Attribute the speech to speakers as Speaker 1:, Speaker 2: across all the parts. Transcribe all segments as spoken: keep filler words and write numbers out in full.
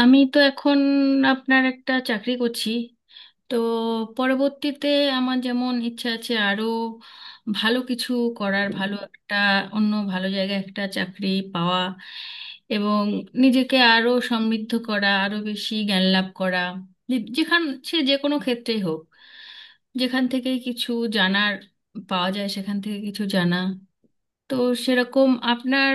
Speaker 1: আমি তো এখন আপনার একটা চাকরি করছি। তো পরবর্তীতে আমার যেমন ইচ্ছা আছে আরো ভালো কিছু করার, ভালো একটা অন্য ভালো জায়গায় একটা চাকরি পাওয়া এবং নিজেকে আরো সমৃদ্ধ করা, আরো বেশি জ্ঞান লাভ করা। যে- যেখান সে যে কোনো ক্ষেত্রেই হোক, যেখান থেকে কিছু জানার পাওয়া যায় সেখান থেকে কিছু জানা। তো সেরকম আপনার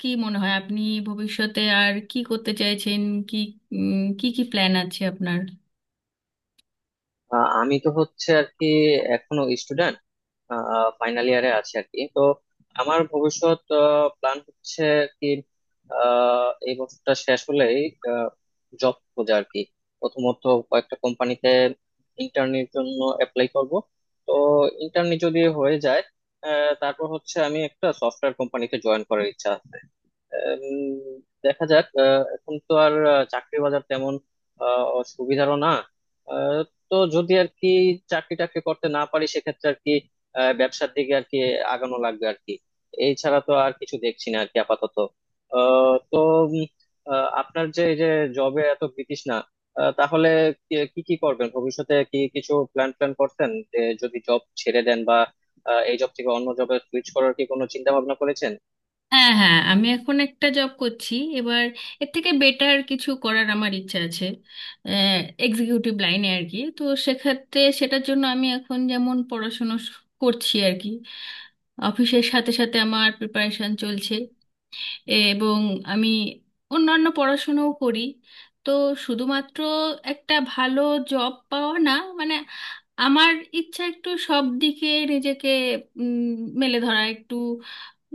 Speaker 1: কি মনে হয়, আপনি ভবিষ্যতে আর কি করতে চাইছেন? কি উম, কি কি প্ল্যান আছে আপনার?
Speaker 2: আহ, আমি তো হচ্ছে আর কি এখনো স্টুডেন্ট, ফাইনাল ইয়ারে আছি আর কি। তো আমার ভবিষ্যৎ প্ল্যান হচ্ছে আর কি আহ, এই বছরটা শেষ হলেই জব খোঁজা আর কি। প্রথমত কয়েকটা কোম্পানিতে ইন্টার্নির জন্য অ্যাপ্লাই করব। তো ইন্টার্নি যদি হয়ে যায় আহ, তারপর হচ্ছে আমি একটা সফটওয়্যার কোম্পানিতে জয়েন করার ইচ্ছা। উম, দেখা যাক। আহ, এখন তো আর আহ, চাকরির বাজার তেমন আহ, সুবিধারও না। আহ, তো যদি আর কি চাকরি টাকরি করতে না পারি সেক্ষেত্রে আর কি আহ, ব্যবসার দিকে আর কি আগানো লাগবে আর কি। এই ছাড়া তো আর কিছু দেখছি না আর কি আপাতত। আহ, তো উম, আহ, আপনার যে এই যে জবে এত বিতৃষ্ণা, আহ, তাহলে কি কি কি করবেন ভবিষ্যতে? কি কিছু প্ল্যান প্ল্যান করছেন যে যদি জব ছেড়ে দেন বা আহ, এই জব থেকে অন্য জবে সুইচ করার কি কোনো চিন্তা ভাবনা করেছেন?
Speaker 1: হ্যাঁ, হ্যাঁ, আমি এখন একটা জব করছি। এবার এর থেকে বেটার কিছু করার আমার ইচ্ছা আছে, এক্সিকিউটিভ লাইনে আর কি। তো সেক্ষেত্রে সেটার জন্য আমি এখন যেমন পড়াশুনো শ- করছি আর কি, অফিসের সাথে সাথে আমার প্রিপারেশন চলছে। এবং আমি অন্যান্য পড়াশোনাও করি। তো শুধুমাত্র একটা ভালো জব পাওয়া না, মানে আমার ইচ্ছা একটু সব দিকে নিজেকে উম, মেলে ধরা। একটু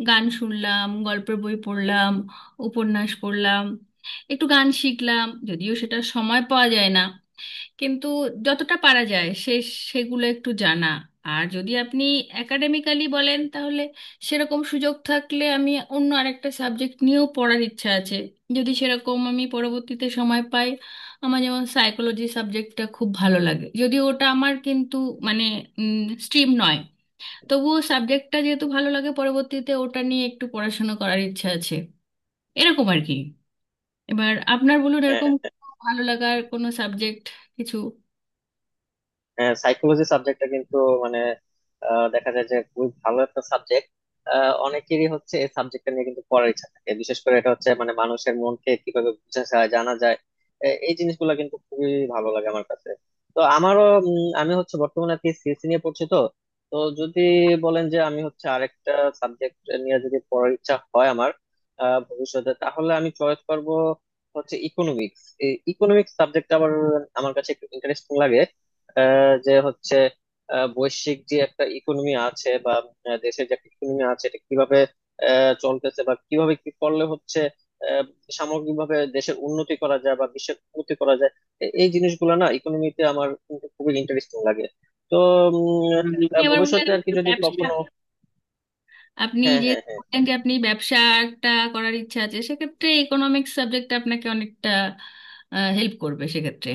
Speaker 1: গান শুনলাম, গল্পের বই পড়লাম, উপন্যাস পড়লাম, একটু গান শিখলাম, যদিও সেটা সময় পাওয়া যায় না, কিন্তু যতটা পারা যায় সে সেগুলো একটু জানা। আর যদি আপনি একাডেমিক্যালি বলেন, তাহলে সেরকম সুযোগ থাকলে আমি অন্য আরেকটা সাবজেক্ট নিয়েও পড়ার ইচ্ছা আছে, যদি সেরকম আমি পরবর্তীতে সময় পাই। আমার যেমন সাইকোলজি সাবজেক্টটা খুব ভালো লাগে, যদিও ওটা আমার কিন্তু মানে স্ট্রিম নয়, তবুও সাবজেক্টটা যেহেতু ভালো লাগে, পরবর্তীতে ওটা নিয়ে একটু পড়াশোনা করার ইচ্ছা আছে। এরকম আর কি। এবার আপনার বলুন,
Speaker 2: হ্যাঁ
Speaker 1: এরকম ভালো লাগার কোনো সাবজেক্ট কিছু।
Speaker 2: হ্যাঁ সাইকোলজি সাবজেক্টটা কিন্তু মানে আহ, দেখা যায় যে খুবই ভালো একটা সাবজেক্ট। অনেকেরই হচ্ছে এই সাবজেক্টটা নিয়ে কিন্তু পড়ার ইচ্ছা থাকে, বিশেষ করে এটা হচ্ছে মানে মানুষের মনকে কিভাবে বোঝা যায় জানা যায়। এ- এই জিনিসগুলো কিন্তু খুবই ভালো লাগে আমার কাছে। তো আমারও উম, আমি হচ্ছে বর্তমানে আর কি সিএসসি নিয়ে পড়ছি। তো তো যদি বলেন যে আমি হচ্ছে আরেকটা সাবজেক্ট নিয়ে যদি পড়ার ইচ্ছা হয় আমার আহ, ভবিষ্যতে, তাহলে আমি চয়েস করব হচ্ছে ইকোনমিক্স। এই ইকোনমিক্স সাবজেক্ট আবার আমার কাছে একটু ইন্টারেস্টিং লাগে। যে হচ্ছে আহ, বৈশ্বিক যে একটা ইকোনমি আছে বা আহ, দেশের যে একটা ইকোনমি আছে, এটা কিভাবে আহ, চলতেছে বা কিভাবে কি করলে হচ্ছে আহ, সামগ্রিকভাবে দেশের উন্নতি করা যায় বা বিশ্বের উন্নতি করা যায়। এ- এই জিনিসগুলো না ইকোনমিতে আমার কিন্তু খুবই ইন্টারেস্টিং লাগে। তো উম,
Speaker 1: হুম, আপনি
Speaker 2: আহ,
Speaker 1: আবার বললেন
Speaker 2: ভবিষ্যতে আর কি যদি
Speaker 1: ব্যবসা,
Speaker 2: কখনো
Speaker 1: আপনি
Speaker 2: হ্যাঁ
Speaker 1: যে
Speaker 2: হ্যাঁ হ্যাঁ।
Speaker 1: বললেন যে আপনি ব্যবসা একটা করার ইচ্ছা আছে, সেক্ষেত্রে ইকোনমিক্স সাবজেক্টটা আপনাকে অনেকটা হেল্প করবে সেক্ষেত্রে।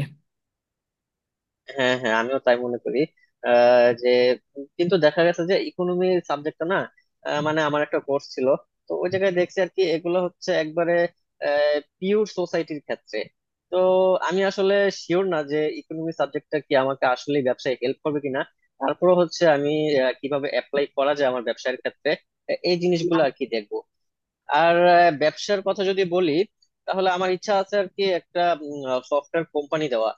Speaker 2: হ্যাঁ হ্যাঁ আমিও তাই মনে করি। আহ, যে কিন্তু দেখা গেছে যে ইকোনমি সাবজেক্টটা না আহ, মানে আমার একটা কোর্স ছিল। তো ওই জায়গায় দেখছি আর কি এগুলো হচ্ছে একবারে পিওর সোসাইটির ক্ষেত্রে। তো আমি আসলে শিওর না যে ইকোনমি সাবজেক্টটা কি আমাকে আসলে ব্যবসায় হেল্প করবে কিনা। তারপরে হচ্ছে আমি আহ, কিভাবে অ্যাপ্লাই করা যায় আমার ব্যবসায়ের ক্ষেত্রে, এ- এই জিনিসগুলো আর কি দেখবো। আর আহ, ব্যবসার কথা যদি বলি, তাহলে আমার ইচ্ছা আছে আর কি একটা সফটওয়্যার কোম্পানি দেওয়া।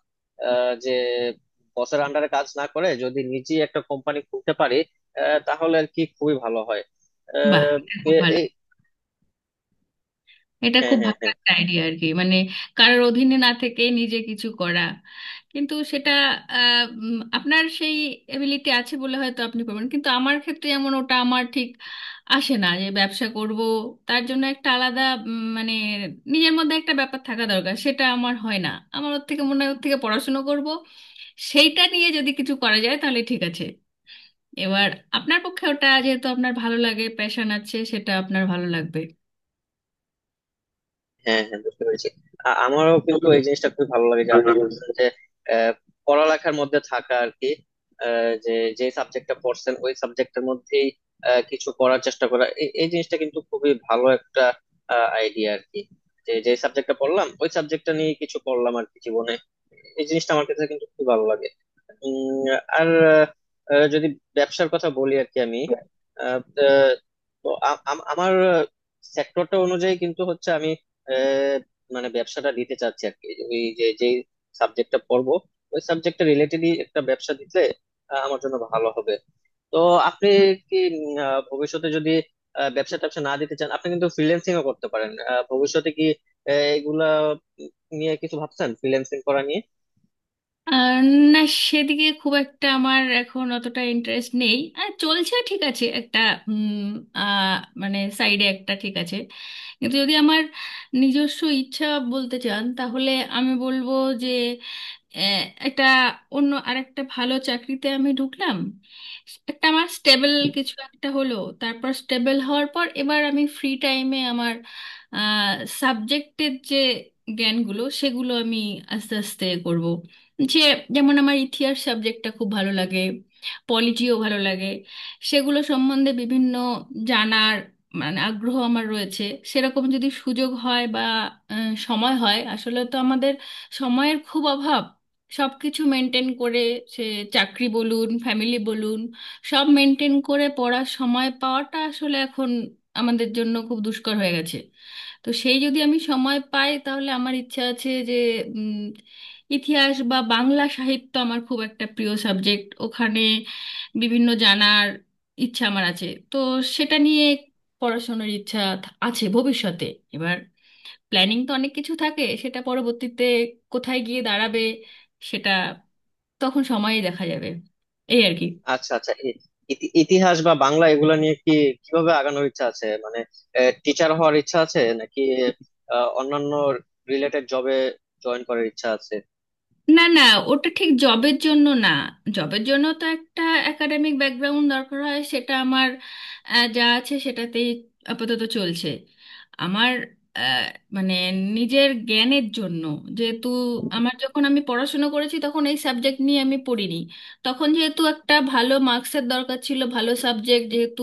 Speaker 2: আহ, যে বসের আন্ডারে কাজ না করে যদি নিজে একটা কোম্পানি খুলতে পারি আহ, তাহলে আর কি খুবই ভালো হয়।
Speaker 1: বাহ,
Speaker 2: আহ,
Speaker 1: এটা খুব
Speaker 2: এ-
Speaker 1: ভালো,
Speaker 2: এই-
Speaker 1: এটা
Speaker 2: হ্যাঁ
Speaker 1: খুব
Speaker 2: হ্যাঁ
Speaker 1: ভালো
Speaker 2: হ্যাঁ।
Speaker 1: একটা আইডিয়া আর কি। মানে কারোর অধীনে না থেকে নিজে কিছু করা। কিন্তু সেটা আহ, উম, আপনার সেই এবিলিটি আছে বলে হয়তো আপনি পারবেন, কিন্তু আমার ক্ষেত্রে এমন ওটা আমার ঠিক আসে না যে ব্যবসা করব। তার জন্য একটা আলাদা উম, মানে নিজের মধ্যে একটা ব্যাপার থাকা দরকার, সেটা আমার হয় না। আমার ওর থেকে মনে হয় ওর থেকে পড়াশুনো করব, সেইটা নিয়ে যদি কিছু করা যায় তাহলে ঠিক আছে। এবার আপনার পক্ষে ওটা যেহেতু আপনার ভালো লাগে, প্যাশন আছে, সেটা আপনার ভালো লাগবে।
Speaker 2: হ্যাঁ হ্যাঁ বুঝতে পেরেছি। আ- আমারও কিন্তু এই জিনিসটা খুব ভালো লাগে যে আপনি বলছেন যে আহ, পড়ালেখার মধ্যে থাকা আর কি আহ, যে যে সাবজেক্টটা পড়ছেন ওই সাবজেক্টের মধ্যেই আহ, কিছু করার চেষ্টা করা, এই এই জিনিসটা কিন্তু খুবই ভালো একটা আইডিয়া আর কি। যে যে সাবজেক্টটা পড়লাম ওই সাবজেক্টটা নিয়ে কিছু করলাম আর কি জীবনে, এই জিনিসটা আমার কাছে কিন্তু খুব ভালো লাগে। উম, আর আহ, যদি ব্যবসার কথা বলি আর কি আমি আহ, তো আ- আম- আমার সেক্টরটা অনুযায়ী কিন্তু হচ্ছে আমি আহ, মানে ব্যবসাটা দিতে চাচ্ছি আর কি। ওই যে যে সাবজেক্টটা পড়বো ওই সাবজেক্টটা রিলেটেডই একটা ব্যবসা দিতে আহ, আমার জন্য ভালো হবে। তো আপনি কি উম, আহ, ভবিষ্যতে যদি আহ, ব্যবসা ট্যাবসা না দিতে চান, আপনি কিন্তু ফ্রিল্যান্সিং ও করতে পারেন। আহ, ভবিষ্যতে কি আহ, এগুলা নিয়ে কিছু ভাবছেন, ফ্রিল্যান্সিং করা নিয়ে?
Speaker 1: আর না, সেদিকে খুব একটা আমার এখন অতটা ইন্টারেস্ট নেই। আর চলছে, ঠিক আছে একটা উম, আহ, মানে সাইডে একটা ঠিক আছে। কিন্তু যদি আমার নিজস্ব ইচ্ছা বলতে চান, তাহলে আমি বলবো যে আহ, একটা অন্য আরেকটা ভালো চাকরিতে আমি ঢুকলাম, একটা আমার স্টেবল কিছু একটা হলো, তারপর স্টেবল হওয়ার পর এবার আমি ফ্রি টাইমে আমার সাবজেক্টের যে জ্ঞানগুলো সেগুলো আমি আস্তে আস্তে করব। যে যেমন আমার ইতিহাস সাবজেক্টটা খুব ভালো লাগে, পলিটিও ভালো লাগে, সেগুলো সম্বন্ধে বিভিন্ন জানার মানে আগ্রহ আমার রয়েছে। সেরকম যদি সুযোগ হয় বা আহ, সময় হয়। আসলে তো আমাদের সময়ের খুব অভাব, সবকিছু মেনটেন করে সে চাকরি বলুন, ফ্যামিলি বলুন, সব মেনটেন করে পড়ার সময় পাওয়াটা আসলে এখন আমাদের জন্য খুব দুষ্কর হয়ে গেছে। তো সেই যদি আমি সময় পাই, তাহলে আমার ইচ্ছা আছে যে উম, ইতিহাস বা বাংলা সাহিত্য আমার খুব একটা প্রিয় সাবজেক্ট, ওখানে বিভিন্ন জানার ইচ্ছা আমার আছে। তো সেটা নিয়ে পড়াশোনার ইচ্ছা থা- আছে ভবিষ্যতে। এবার প্ল্যানিং তো অনেক কিছু থাকে, সেটা পরবর্তীতে কোথায় গিয়ে দাঁড়াবে সেটা তখন সময়ে দেখা যাবে, এই আর কি।
Speaker 2: আচ্ছা আচ্ছা ই- ইতি- ইতিহাস বা বাংলা এগুলা নিয়ে কি, কিভাবে আগানোর ইচ্ছা আছে মানে? টিচার হওয়ার ইচ্ছা আছে নাকি আহ, অন্যান্য রিলেটেড জবে জয়েন করার ইচ্ছা আছে?
Speaker 1: না, না, ওটা ঠিক জবের জন্য না। জবের জন্য তো একটা একাডেমিক ব্যাকগ্রাউন্ড দরকার হয়, সেটা আমার আহ, যা আছে সেটাতেই আপাতত চলছে। আমার আহ, মানে নিজের জ্ঞানের জন্য, যেহেতু আমার যখন আমি পড়াশুনো করেছি তখন এই সাবজেক্ট নিয়ে আমি পড়িনি, তখন যেহেতু একটা ভালো মার্কসের দরকার ছিল, ভালো সাবজেক্ট যেহেতু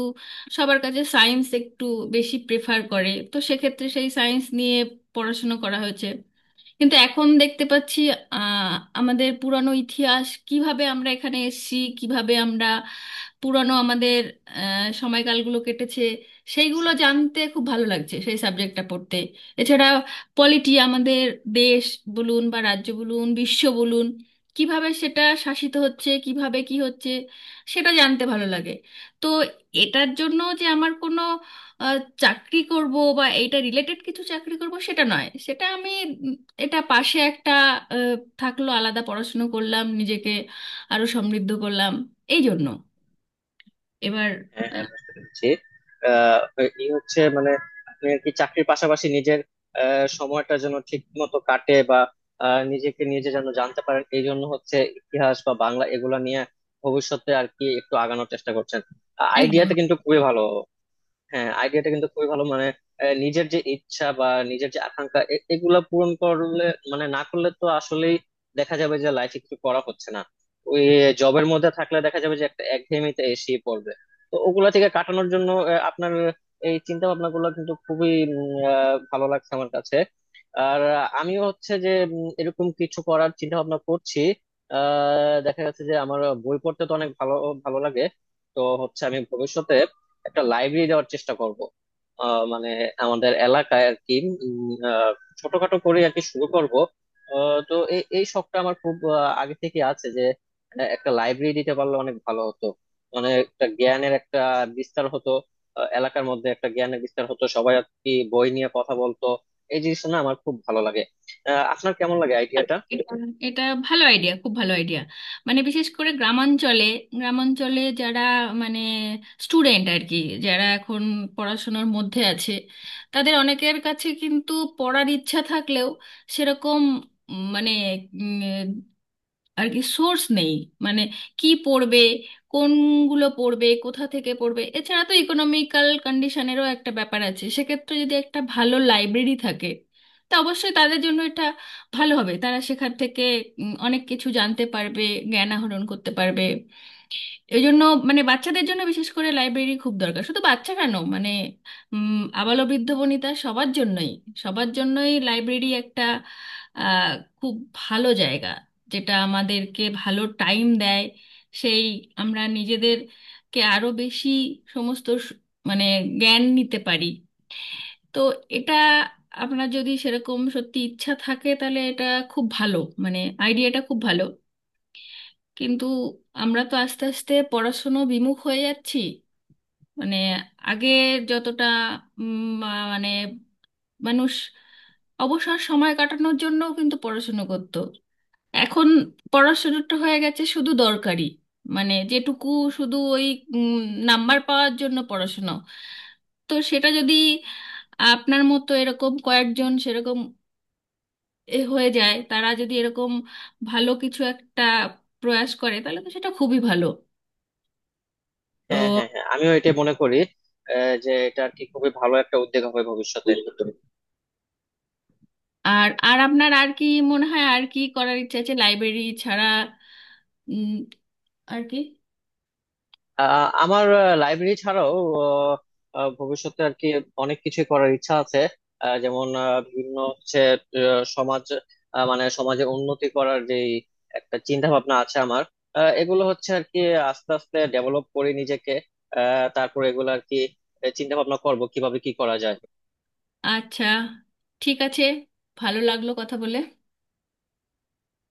Speaker 1: সবার কাছে সায়েন্স একটু বেশি প্রেফার করে, তো সেক্ষেত্রে সেই সায়েন্স নিয়ে পড়াশুনো করা হয়েছে। কিন্তু এখন দেখতে পাচ্ছি আহ আমাদের পুরানো ইতিহাস কিভাবে আমরা এখানে এসেছি, কিভাবে আমরা পুরানো আমাদের আহ, সময়কালগুলো কেটেছে, সেইগুলো জানতে খুব ভালো লাগছে, সেই সাবজেক্টটা পড়তে। এছাড়া পলিটি আমাদের দেশ বলুন বা রাজ্য বলুন, বিশ্ব বলুন, কিভাবে সেটা শাসিত হচ্ছে, কিভাবে কি হচ্ছে, সেটা জানতে ভালো লাগে। তো এটার জন্য যে আমার কোনো আহ, চাকরি করব বা এইটা রিলেটেড কিছু চাকরি করব সেটা নয়। সেটা আমি এটা পাশে একটা আহ, থাকলো, আলাদা পড়াশুনো করলাম, নিজেকে আরো সমৃদ্ধ করলাম, এই জন্য। এবার
Speaker 2: হ্যাঁ
Speaker 1: আহ,
Speaker 2: হ্যাঁ বুঝতে পেরেছি। আহ এই হচ্ছে মানে আপনি আর কি চাকরির পাশাপাশি নিজের আহ, সময়টা যেন ঠিক মতো কাটে বা আহ, নিজেকে নিজে যেন জানতে পারেন, এই জন্য হচ্ছে ইতিহাস বা বাংলা এগুলা নিয়ে ভবিষ্যতে আর কি একটু আগানোর চেষ্টা করছেন।
Speaker 1: একদম।
Speaker 2: আইডিয়াটা কিন্তু খুবই ভালো। হ্যাঁ আইডিয়াটা কিন্তু খুবই ভালো মানে আহ, নিজের যে ইচ্ছা বা নিজের যে আকাঙ্ক্ষা এ- এগুলা পূরণ করলে, মানে না করলে তো আসলেই দেখা যাবে যে লাইফে কিছু করা হচ্ছে না। ওই জবের মধ্যে থাকলে দেখা যাবে যে একটা একঘেয়েমিতে এসে পড়বে। তো ওগুলা থেকে কাটানোর জন্য আহ, আপনার এই চিন্তা ভাবনা গুলো কিন্তু খুবই উম, আহ, ভালো লাগছে আমার কাছে। আর আহ, আমিও হচ্ছে যে উম, এরকম কিছু করার চিন্তা ভাবনা করছি। দেখা যাচ্ছে যে আমার বই পড়তে তো অনেক ভালো ভালো লাগে। তো হচ্ছে আমি ভবিষ্যতে একটা লাইব্রেরি দেওয়ার চেষ্টা করব। আহ, মানে আমাদের এলাকায় আর কি উম, আহ, ছোটখাটো করে আর কি শুরু করব। আহ, তো এই এই শখটা আমার খুব আহ, আগে থেকে আছে যে আহ, একটা লাইব্রেরি দিতে পারলে অনেক ভালো হতো, মানে একটা জ্ঞানের একটা বিস্তার হতো। আহ, এলাকার মধ্যে একটা জ্ঞানের বিস্তার হতো, সবাই আর কি বই নিয়ে কথা বলতো, এই জিনিসটা না আমার খুব ভালো লাগে। আহ, আপনার কেমন লাগে আইডিয়াটা?
Speaker 1: এটা এটা ভালো আইডিয়া, খুব ভালো আইডিয়া। মানে বিশেষ করে গ্রামাঞ্চলে, গ্রামাঞ্চলে যারা মানে স্টুডেন্ট আর কি, যারা এখন পড়াশোনার মধ্যে আছে, তাদের অনেকের কাছে কিন্তু পড়ার ইচ্ছা থাকলেও সেরকম উম, মানে আর কি সোর্স নেই। মানে কি পড়বে, কোনগুলো পড়বে, কোথা থেকে পড়বে, এছাড়া তো ইকোনমিক্যাল কন্ডিশনেরও একটা ব্যাপার আছে। সেক্ষেত্রে যদি একটা ভালো লাইব্রেরি থাকে, তা অবশ্যই তাদের জন্য এটা ভালো হবে। তারা সেখান থেকে উম, অনেক কিছু জানতে পারবে, জ্ঞান আহরণ করতে পারবে, এই জন্য। মানে বাচ্চাদের জন্য বিশেষ করে লাইব্রেরি খুব দরকার। শুধু বাচ্চা কেন, মানে উম, আবালো বৃদ্ধ বনিতা সবার জন্যই, সবার জন্যই লাইব্রেরি একটা আহ, খুব ভালো জায়গা, যেটা আমাদেরকে ভালো টাইম দেয়। সেই আমরা নিজেদেরকে আরো বেশি সমস্ত স- মানে জ্ঞান নিতে পারি। তো এটা আপনার যদি সেরকম সত্যি ইচ্ছা থাকে, তাহলে এটা খুব ভালো, মানে আইডিয়াটা খুব ভালো। কিন্তু আমরা তো আস্তে আস্তে পড়াশুনো বিমুখ হয়ে যাচ্ছি। মানে আগে যতটা উম, মা- মানে মানুষ অবসর সময় কাটানোর জন্যও কিন্তু পড়াশুনো করত, এখন পড়াশুনোটা হয়ে গেছে শুধু দরকারি, মানে যেটুকু শুধু ওই উম, নাম্বার পাওয়ার জন্য পড়াশুনো। তো সেটা যদি আপনার মতো এরকম কয়েকজন সেরকম এ হয়ে যায়, তারা যদি এরকম ভালো কিছু একটা প্রয়াস করে, তাহলে তো সেটা খুবই ভালো। তো
Speaker 2: হ্যাঁ হ্যাঁ হ্যাঁ আমিও এটা মনে করি। আহ, যে এটা আর কি খুবই ভালো একটা উদ্যোগ হবে ভবিষ্যতে।
Speaker 1: আর, আর আপনার আর কি মনে হয় আর কি করার ইচ্ছা আছে লাইব্রেরি ছাড়া? উম, আর কি?
Speaker 2: আহ, আমার লাইব্রেরি ছাড়াও আহ, আহ, ভবিষ্যতে আর কি অনেক কিছু করার ইচ্ছা আছে। আহ, যেমন আহ, বিভিন্ন হচ্ছে আহ, সমাজ আহ, মানে সমাজে উন্নতি করার যে একটা চিন্তা ভাবনা আছে আমার। আহ, এগুলো হচ্ছে আর কি আস্তে আস্তে ডেভেলপ করি নিজেকে। আহ, তারপরে এগুলো আর কি চিন্তা ভাবনা করবো কিভাবে কি করা যায়।
Speaker 1: আচ্ছা, ঠিক আছে, ভালো লাগলো কথা বলে।